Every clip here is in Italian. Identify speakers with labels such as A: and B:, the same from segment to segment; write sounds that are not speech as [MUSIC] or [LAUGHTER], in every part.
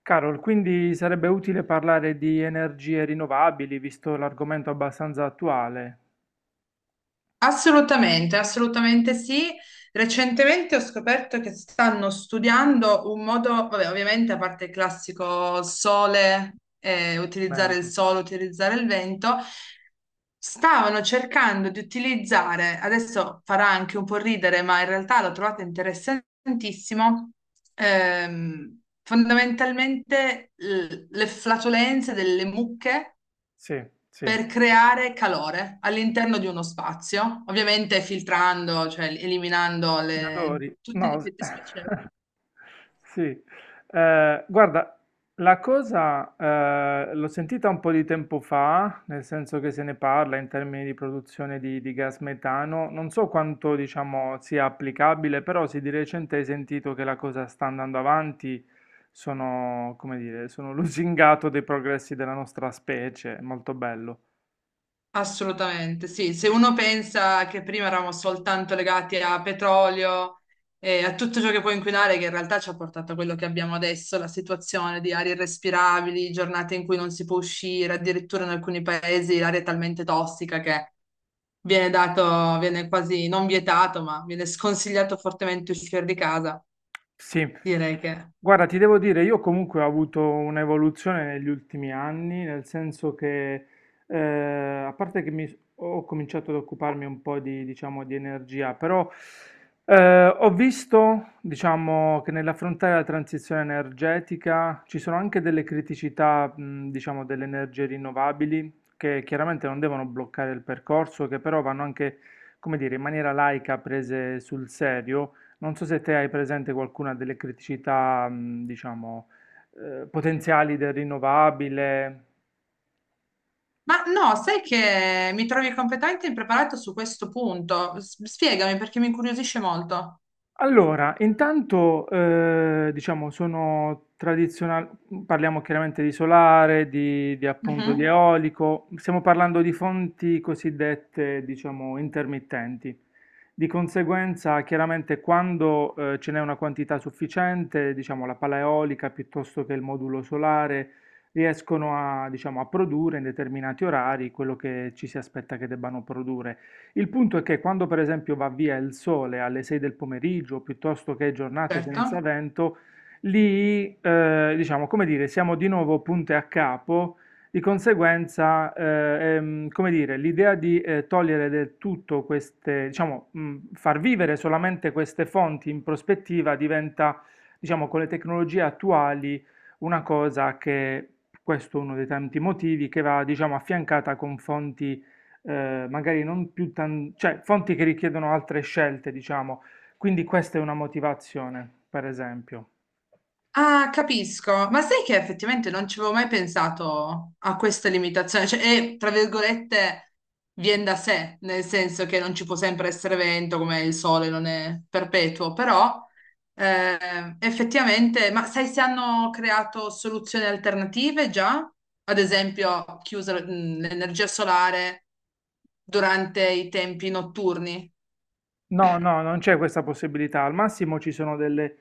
A: Carol, quindi sarebbe utile parlare di energie rinnovabili, visto l'argomento abbastanza attuale.
B: Assolutamente, assolutamente sì. Recentemente ho scoperto che stanno studiando un modo, vabbè, ovviamente a parte il classico sole, utilizzare il
A: Bento.
B: sole, utilizzare il vento, stavano cercando di utilizzare, adesso farà anche un po' ridere, ma in realtà l'ho trovata interessantissimo, fondamentalmente le flatulenze delle mucche
A: Sì, sì.
B: per creare calore all'interno di uno spazio, ovviamente filtrando, cioè eliminando
A: Li adori.
B: tutti gli
A: No,
B: effetti spiacevoli.
A: [LAUGHS] sì. Guarda, la cosa l'ho sentita un po' di tempo fa, nel senso che se ne parla in termini di produzione di gas metano. Non so quanto, diciamo, sia applicabile, però sì, di recente hai sentito che la cosa sta andando avanti. Sono, come dire, sono [LAUGHS] lusingato dei progressi della nostra specie, molto bello.
B: Assolutamente, sì. Se uno pensa che prima eravamo soltanto legati a petrolio e a tutto ciò che può inquinare, che in realtà ci ha portato a quello che abbiamo adesso, la situazione di arie irrespirabili, giornate in cui non si può uscire, addirittura in alcuni paesi l'aria è talmente tossica che viene dato, viene quasi non vietato, ma viene sconsigliato fortemente uscire di casa.
A: Sì.
B: Direi che...
A: Guarda, ti devo dire, io comunque ho avuto un'evoluzione negli ultimi anni, nel senso che, eh, a parte che ho cominciato ad occuparmi un po' di, diciamo, di energia, però ho visto, diciamo, che nell'affrontare la transizione energetica ci sono anche delle criticità, diciamo, delle energie rinnovabili, che chiaramente non devono bloccare il percorso, che però vanno anche, come dire, in maniera laica prese sul serio. Non so se te hai presente qualcuna delle criticità, diciamo, potenziali del rinnovabile.
B: Ma no, sai che mi trovi competente e impreparato su questo punto? Spiegami perché mi incuriosisce molto.
A: Allora, intanto diciamo sono tradizionali, parliamo chiaramente di solare, di appunto di
B: Mhm,
A: eolico, stiamo parlando di fonti cosiddette diciamo intermittenti. Di conseguenza, chiaramente quando ce n'è una quantità sufficiente, diciamo la pala eolica piuttosto che il modulo solare riescono a, diciamo, a produrre in determinati orari quello che ci si aspetta che debbano produrre. Il punto è che quando per esempio va via il sole alle 6 del pomeriggio, piuttosto che giornate senza
B: certo.
A: vento, lì, diciamo, come dire, siamo di nuovo punte a capo, di conseguenza, come dire, l'idea di togliere del tutto queste, diciamo, far vivere solamente queste fonti in prospettiva diventa, diciamo, con le tecnologie attuali una cosa che, questo è uno dei tanti motivi, che va, diciamo, affiancata con fonti magari non più cioè fonti che richiedono altre scelte, diciamo. Quindi questa è una motivazione, per esempio.
B: Ah, capisco. Ma sai che effettivamente non ci avevo mai pensato a questa limitazione? Cioè, e, tra virgolette, viene da sé, nel senso che non ci può sempre essere vento, come il sole non è perpetuo, però eh, effettivamente, ma sai se hanno creato soluzioni alternative già? Ad esempio, chiusa l'energia solare durante i tempi notturni,
A: No, no, non c'è questa possibilità. Al massimo ci sono delle,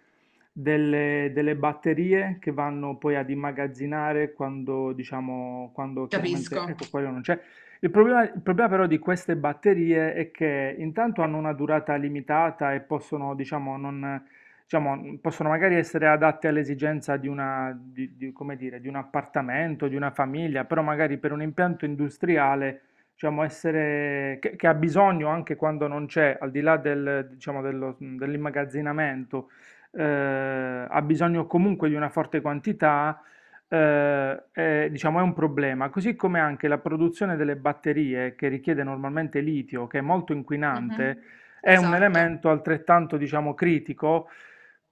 A: delle batterie che vanno poi ad immagazzinare quando, diciamo, quando chiaramente,
B: capisco.
A: ecco, quello non c'è. Il problema però di queste batterie è che intanto hanno una durata limitata e possono, diciamo, non, diciamo, possono magari essere adatte all'esigenza di una, come dire, di un appartamento, di una famiglia, però magari per un impianto industriale diciamo, essere, che ha bisogno anche quando non c'è, al di là del, diciamo, dell'immagazzinamento, eh, ha bisogno comunque di una forte quantità, è, diciamo, è un problema. Così come anche la produzione delle batterie, che richiede normalmente litio, che è molto
B: Mhm.
A: inquinante, è un
B: Esatto.
A: elemento altrettanto, diciamo, critico.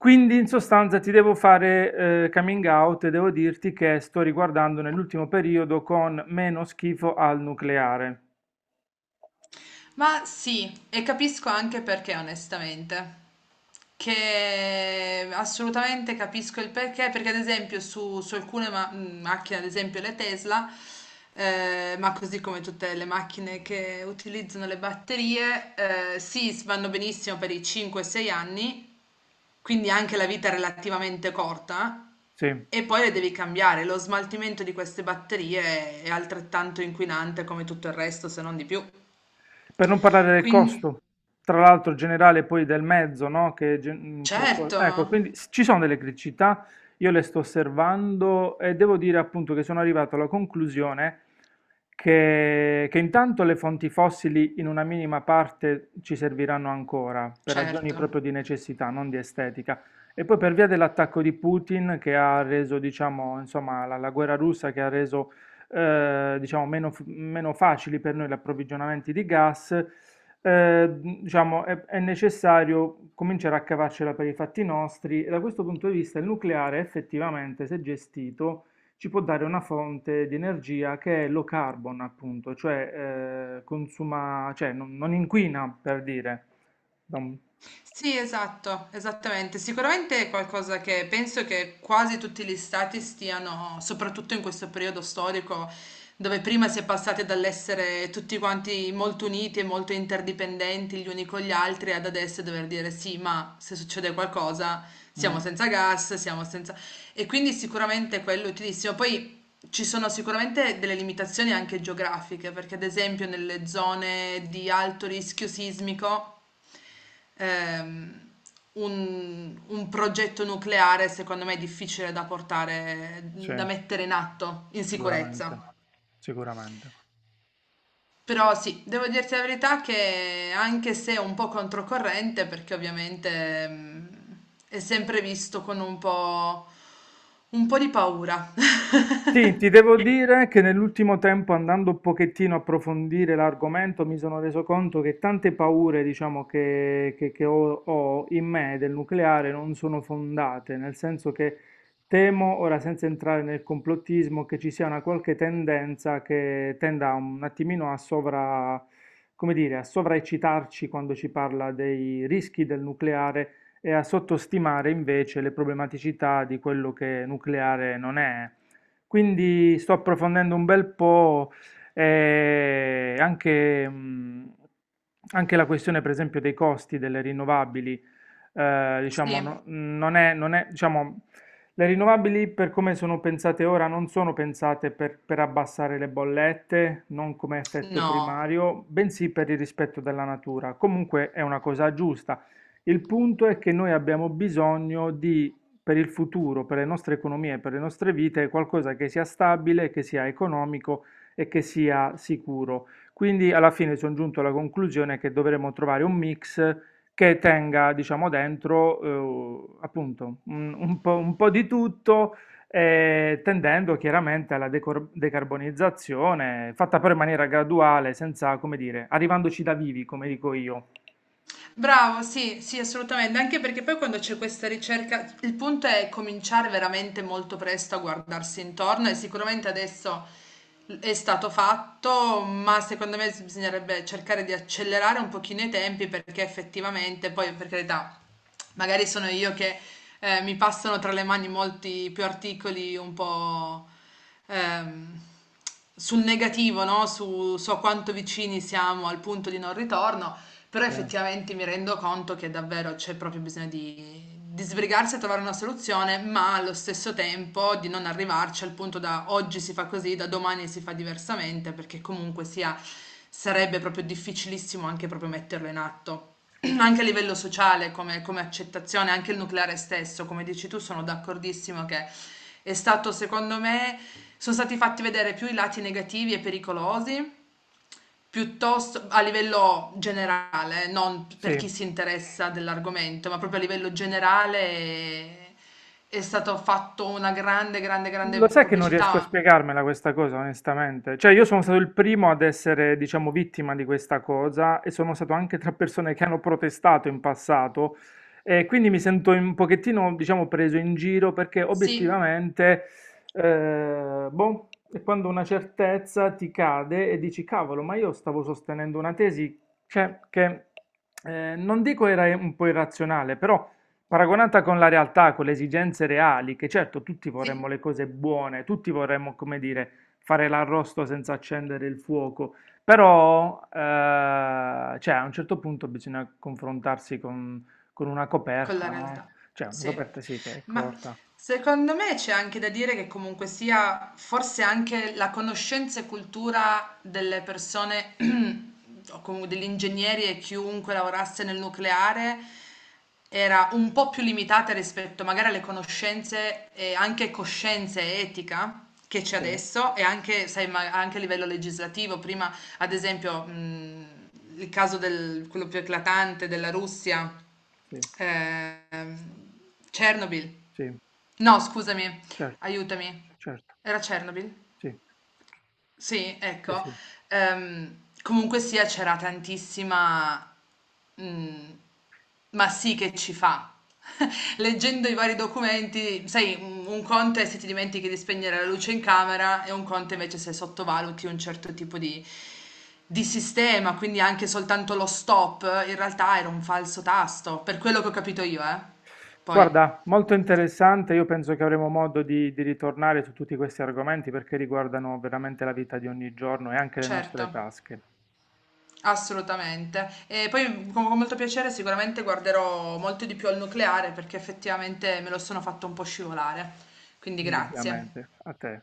A: Quindi in sostanza ti devo fare coming out e devo dirti che sto riguardando nell'ultimo periodo con meno schifo al nucleare.
B: Ma sì, e capisco anche perché, onestamente. Che assolutamente capisco il perché, perché ad esempio su alcune macchine, ad esempio le Tesla, ma così come tutte le macchine che utilizzano le batterie, sì, vanno benissimo per i 5-6 anni, quindi anche la vita è relativamente corta,
A: Sì.
B: e poi le devi cambiare. Lo smaltimento di queste batterie è altrettanto inquinante come tutto il resto, se non di più.
A: Per non parlare del
B: Quindi.
A: costo, tra l'altro generale poi del mezzo, no? Che, gen- che co-
B: Certo,
A: ecco, quindi ci sono delle criticità, io le sto osservando e devo dire appunto che sono arrivato alla conclusione che intanto le fonti fossili in una minima parte ci serviranno ancora, per ragioni proprio
B: certo.
A: di necessità, non di estetica. E poi per via dell'attacco di Putin che ha reso, diciamo, insomma, la guerra russa che ha reso diciamo meno, meno facili per noi gli approvvigionamenti di gas, diciamo è necessario cominciare a cavarcela per i fatti nostri, e da questo punto di vista il nucleare effettivamente, se gestito, ci può dare una fonte di energia che è low carbon, appunto, cioè, consuma, cioè non inquina, per dire. Da un-
B: Sì, esatto, esattamente. Sicuramente è qualcosa che penso che quasi tutti gli stati stiano, soprattutto in questo periodo storico, dove prima si è passati dall'essere tutti quanti molto uniti e molto interdipendenti gli uni con gli altri, ad adesso dover dire sì, ma se succede qualcosa siamo
A: Mm,
B: senza gas, siamo senza... E quindi sicuramente quello è utilissimo. Poi. Ci sono sicuramente delle limitazioni anche geografiche, perché ad esempio nelle zone di alto rischio sismico, ehm, un progetto nucleare secondo me è difficile da portare,
A: sì,
B: da mettere in atto in
A: sicuramente,
B: sicurezza.
A: sicuramente.
B: Però sì, devo dirti la verità che anche se è un po' controcorrente, perché ovviamente ehm, è sempre visto con un po' di paura. [LAUGHS]
A: Sì, ti devo dire che nell'ultimo tempo, andando un pochettino a approfondire l'argomento, mi sono reso conto che tante paure, diciamo, che ho, ho in me del nucleare non sono fondate, nel senso che temo, ora senza entrare nel complottismo, che ci sia una qualche tendenza che tenda un attimino a come dire, a sovraeccitarci quando ci parla dei rischi del nucleare e a sottostimare invece le problematicità di quello che nucleare non è. Quindi sto approfondendo un bel po' eh, anche, mh, anche la questione, per esempio, dei costi delle rinnovabili. Diciamo,
B: Sì,
A: non è, diciamo, le rinnovabili, per come sono pensate ora, non sono pensate per abbassare le bollette, non come effetto
B: no.
A: primario, bensì per il rispetto della natura. Comunque è una cosa giusta. Il punto è che noi abbiamo bisogno di, per il futuro, per le nostre economie e per le nostre vite, è qualcosa che sia stabile, che sia economico e che sia sicuro. Quindi alla fine sono giunto alla conclusione che dovremo trovare un mix che tenga, diciamo, dentro appunto un po' di tutto, tendendo chiaramente alla decarbonizzazione, fatta però in maniera graduale, senza, come dire, arrivandoci da vivi, come dico io.
B: Bravo, sì, sì, assolutamente, anche perché poi quando c'è questa ricerca, il punto è cominciare veramente molto presto a guardarsi intorno e sicuramente adesso è stato fatto, ma secondo me bisognerebbe cercare di accelerare un pochino i tempi perché effettivamente, poi per carità, magari sono io che mi passano tra le mani molti più articoli un po' ehm, sul negativo, no? Su, so quanto vicini siamo al punto di non ritorno. Però
A: Sì.
B: effettivamente mi rendo conto che davvero c'è proprio bisogno di sbrigarsi a trovare una soluzione, ma allo stesso tempo di non arrivarci al punto da oggi si fa così, da domani si fa diversamente, perché comunque sia, sarebbe proprio difficilissimo anche proprio metterlo in atto. [CLEARS THROAT] Anche a livello sociale, come accettazione, anche il nucleare stesso, come dici tu, sono d'accordissimo che è stato, secondo me, sono stati fatti vedere più i lati negativi e pericolosi. Piuttosto a livello generale, non per
A: Sì.
B: chi si interessa dell'argomento, ma proprio a livello generale è è stato fatto una grande, grande, grande
A: Lo sai che non riesco a
B: pubblicità.
A: spiegarmela questa cosa, onestamente. Cioè, io sono stato il primo ad essere, diciamo, vittima di questa cosa e sono stato anche tra persone che hanno protestato in passato, e quindi mi sento un pochettino, diciamo, preso in giro, perché
B: Sì,
A: obiettivamente, boh, è quando una certezza ti cade e dici, cavolo, ma io stavo sostenendo una tesi, cioè, che non dico era un po' irrazionale, però. Paragonata con la realtà, con le esigenze reali, che certo tutti vorremmo
B: sì.
A: le cose buone, tutti vorremmo, come dire, fare l'arrosto senza accendere il fuoco, però cioè, a un certo punto bisogna confrontarsi con una
B: Con la
A: coperta, no?
B: realtà,
A: Cioè una
B: sì.
A: coperta sì che è
B: Ma
A: corta,
B: secondo me c'è anche da dire che comunque sia forse anche la conoscenza e cultura delle persone, [CLEARS THROAT] o comunque degli ingegneri e chiunque lavorasse nel nucleare, era un po' più limitata rispetto magari alle conoscenze e anche coscienza e etica che c'è
A: sì,
B: adesso e anche, sai, ma anche a livello legislativo. Prima ad esempio, il caso del quello più eclatante della Russia,
A: sì,
B: ehm, Chernobyl.
A: sì,
B: No scusami,
A: certo,
B: aiutami,
A: certo,
B: era Chernobyl?
A: sì,
B: Sì,
A: sì,
B: ecco.
A: sì.
B: Comunque sia c'era tantissima... mm, ma sì che ci fa. [LAUGHS] Leggendo i vari documenti, sai, un conto è se ti dimentichi di spegnere la luce in camera e un conto invece se sottovaluti un certo tipo di sistema, quindi anche soltanto lo stop, in realtà era un falso tasto, per quello che ho capito io, eh. Poi,
A: Guarda, molto interessante, io penso che avremo modo di ritornare su tutti questi argomenti, perché riguardano veramente la vita di ogni giorno e anche le nostre
B: certo.
A: tasche,
B: Assolutamente. E poi con molto piacere sicuramente guarderò molto di più al nucleare perché effettivamente me lo sono fatto un po' scivolare. Quindi grazie.
A: indubbiamente. A te.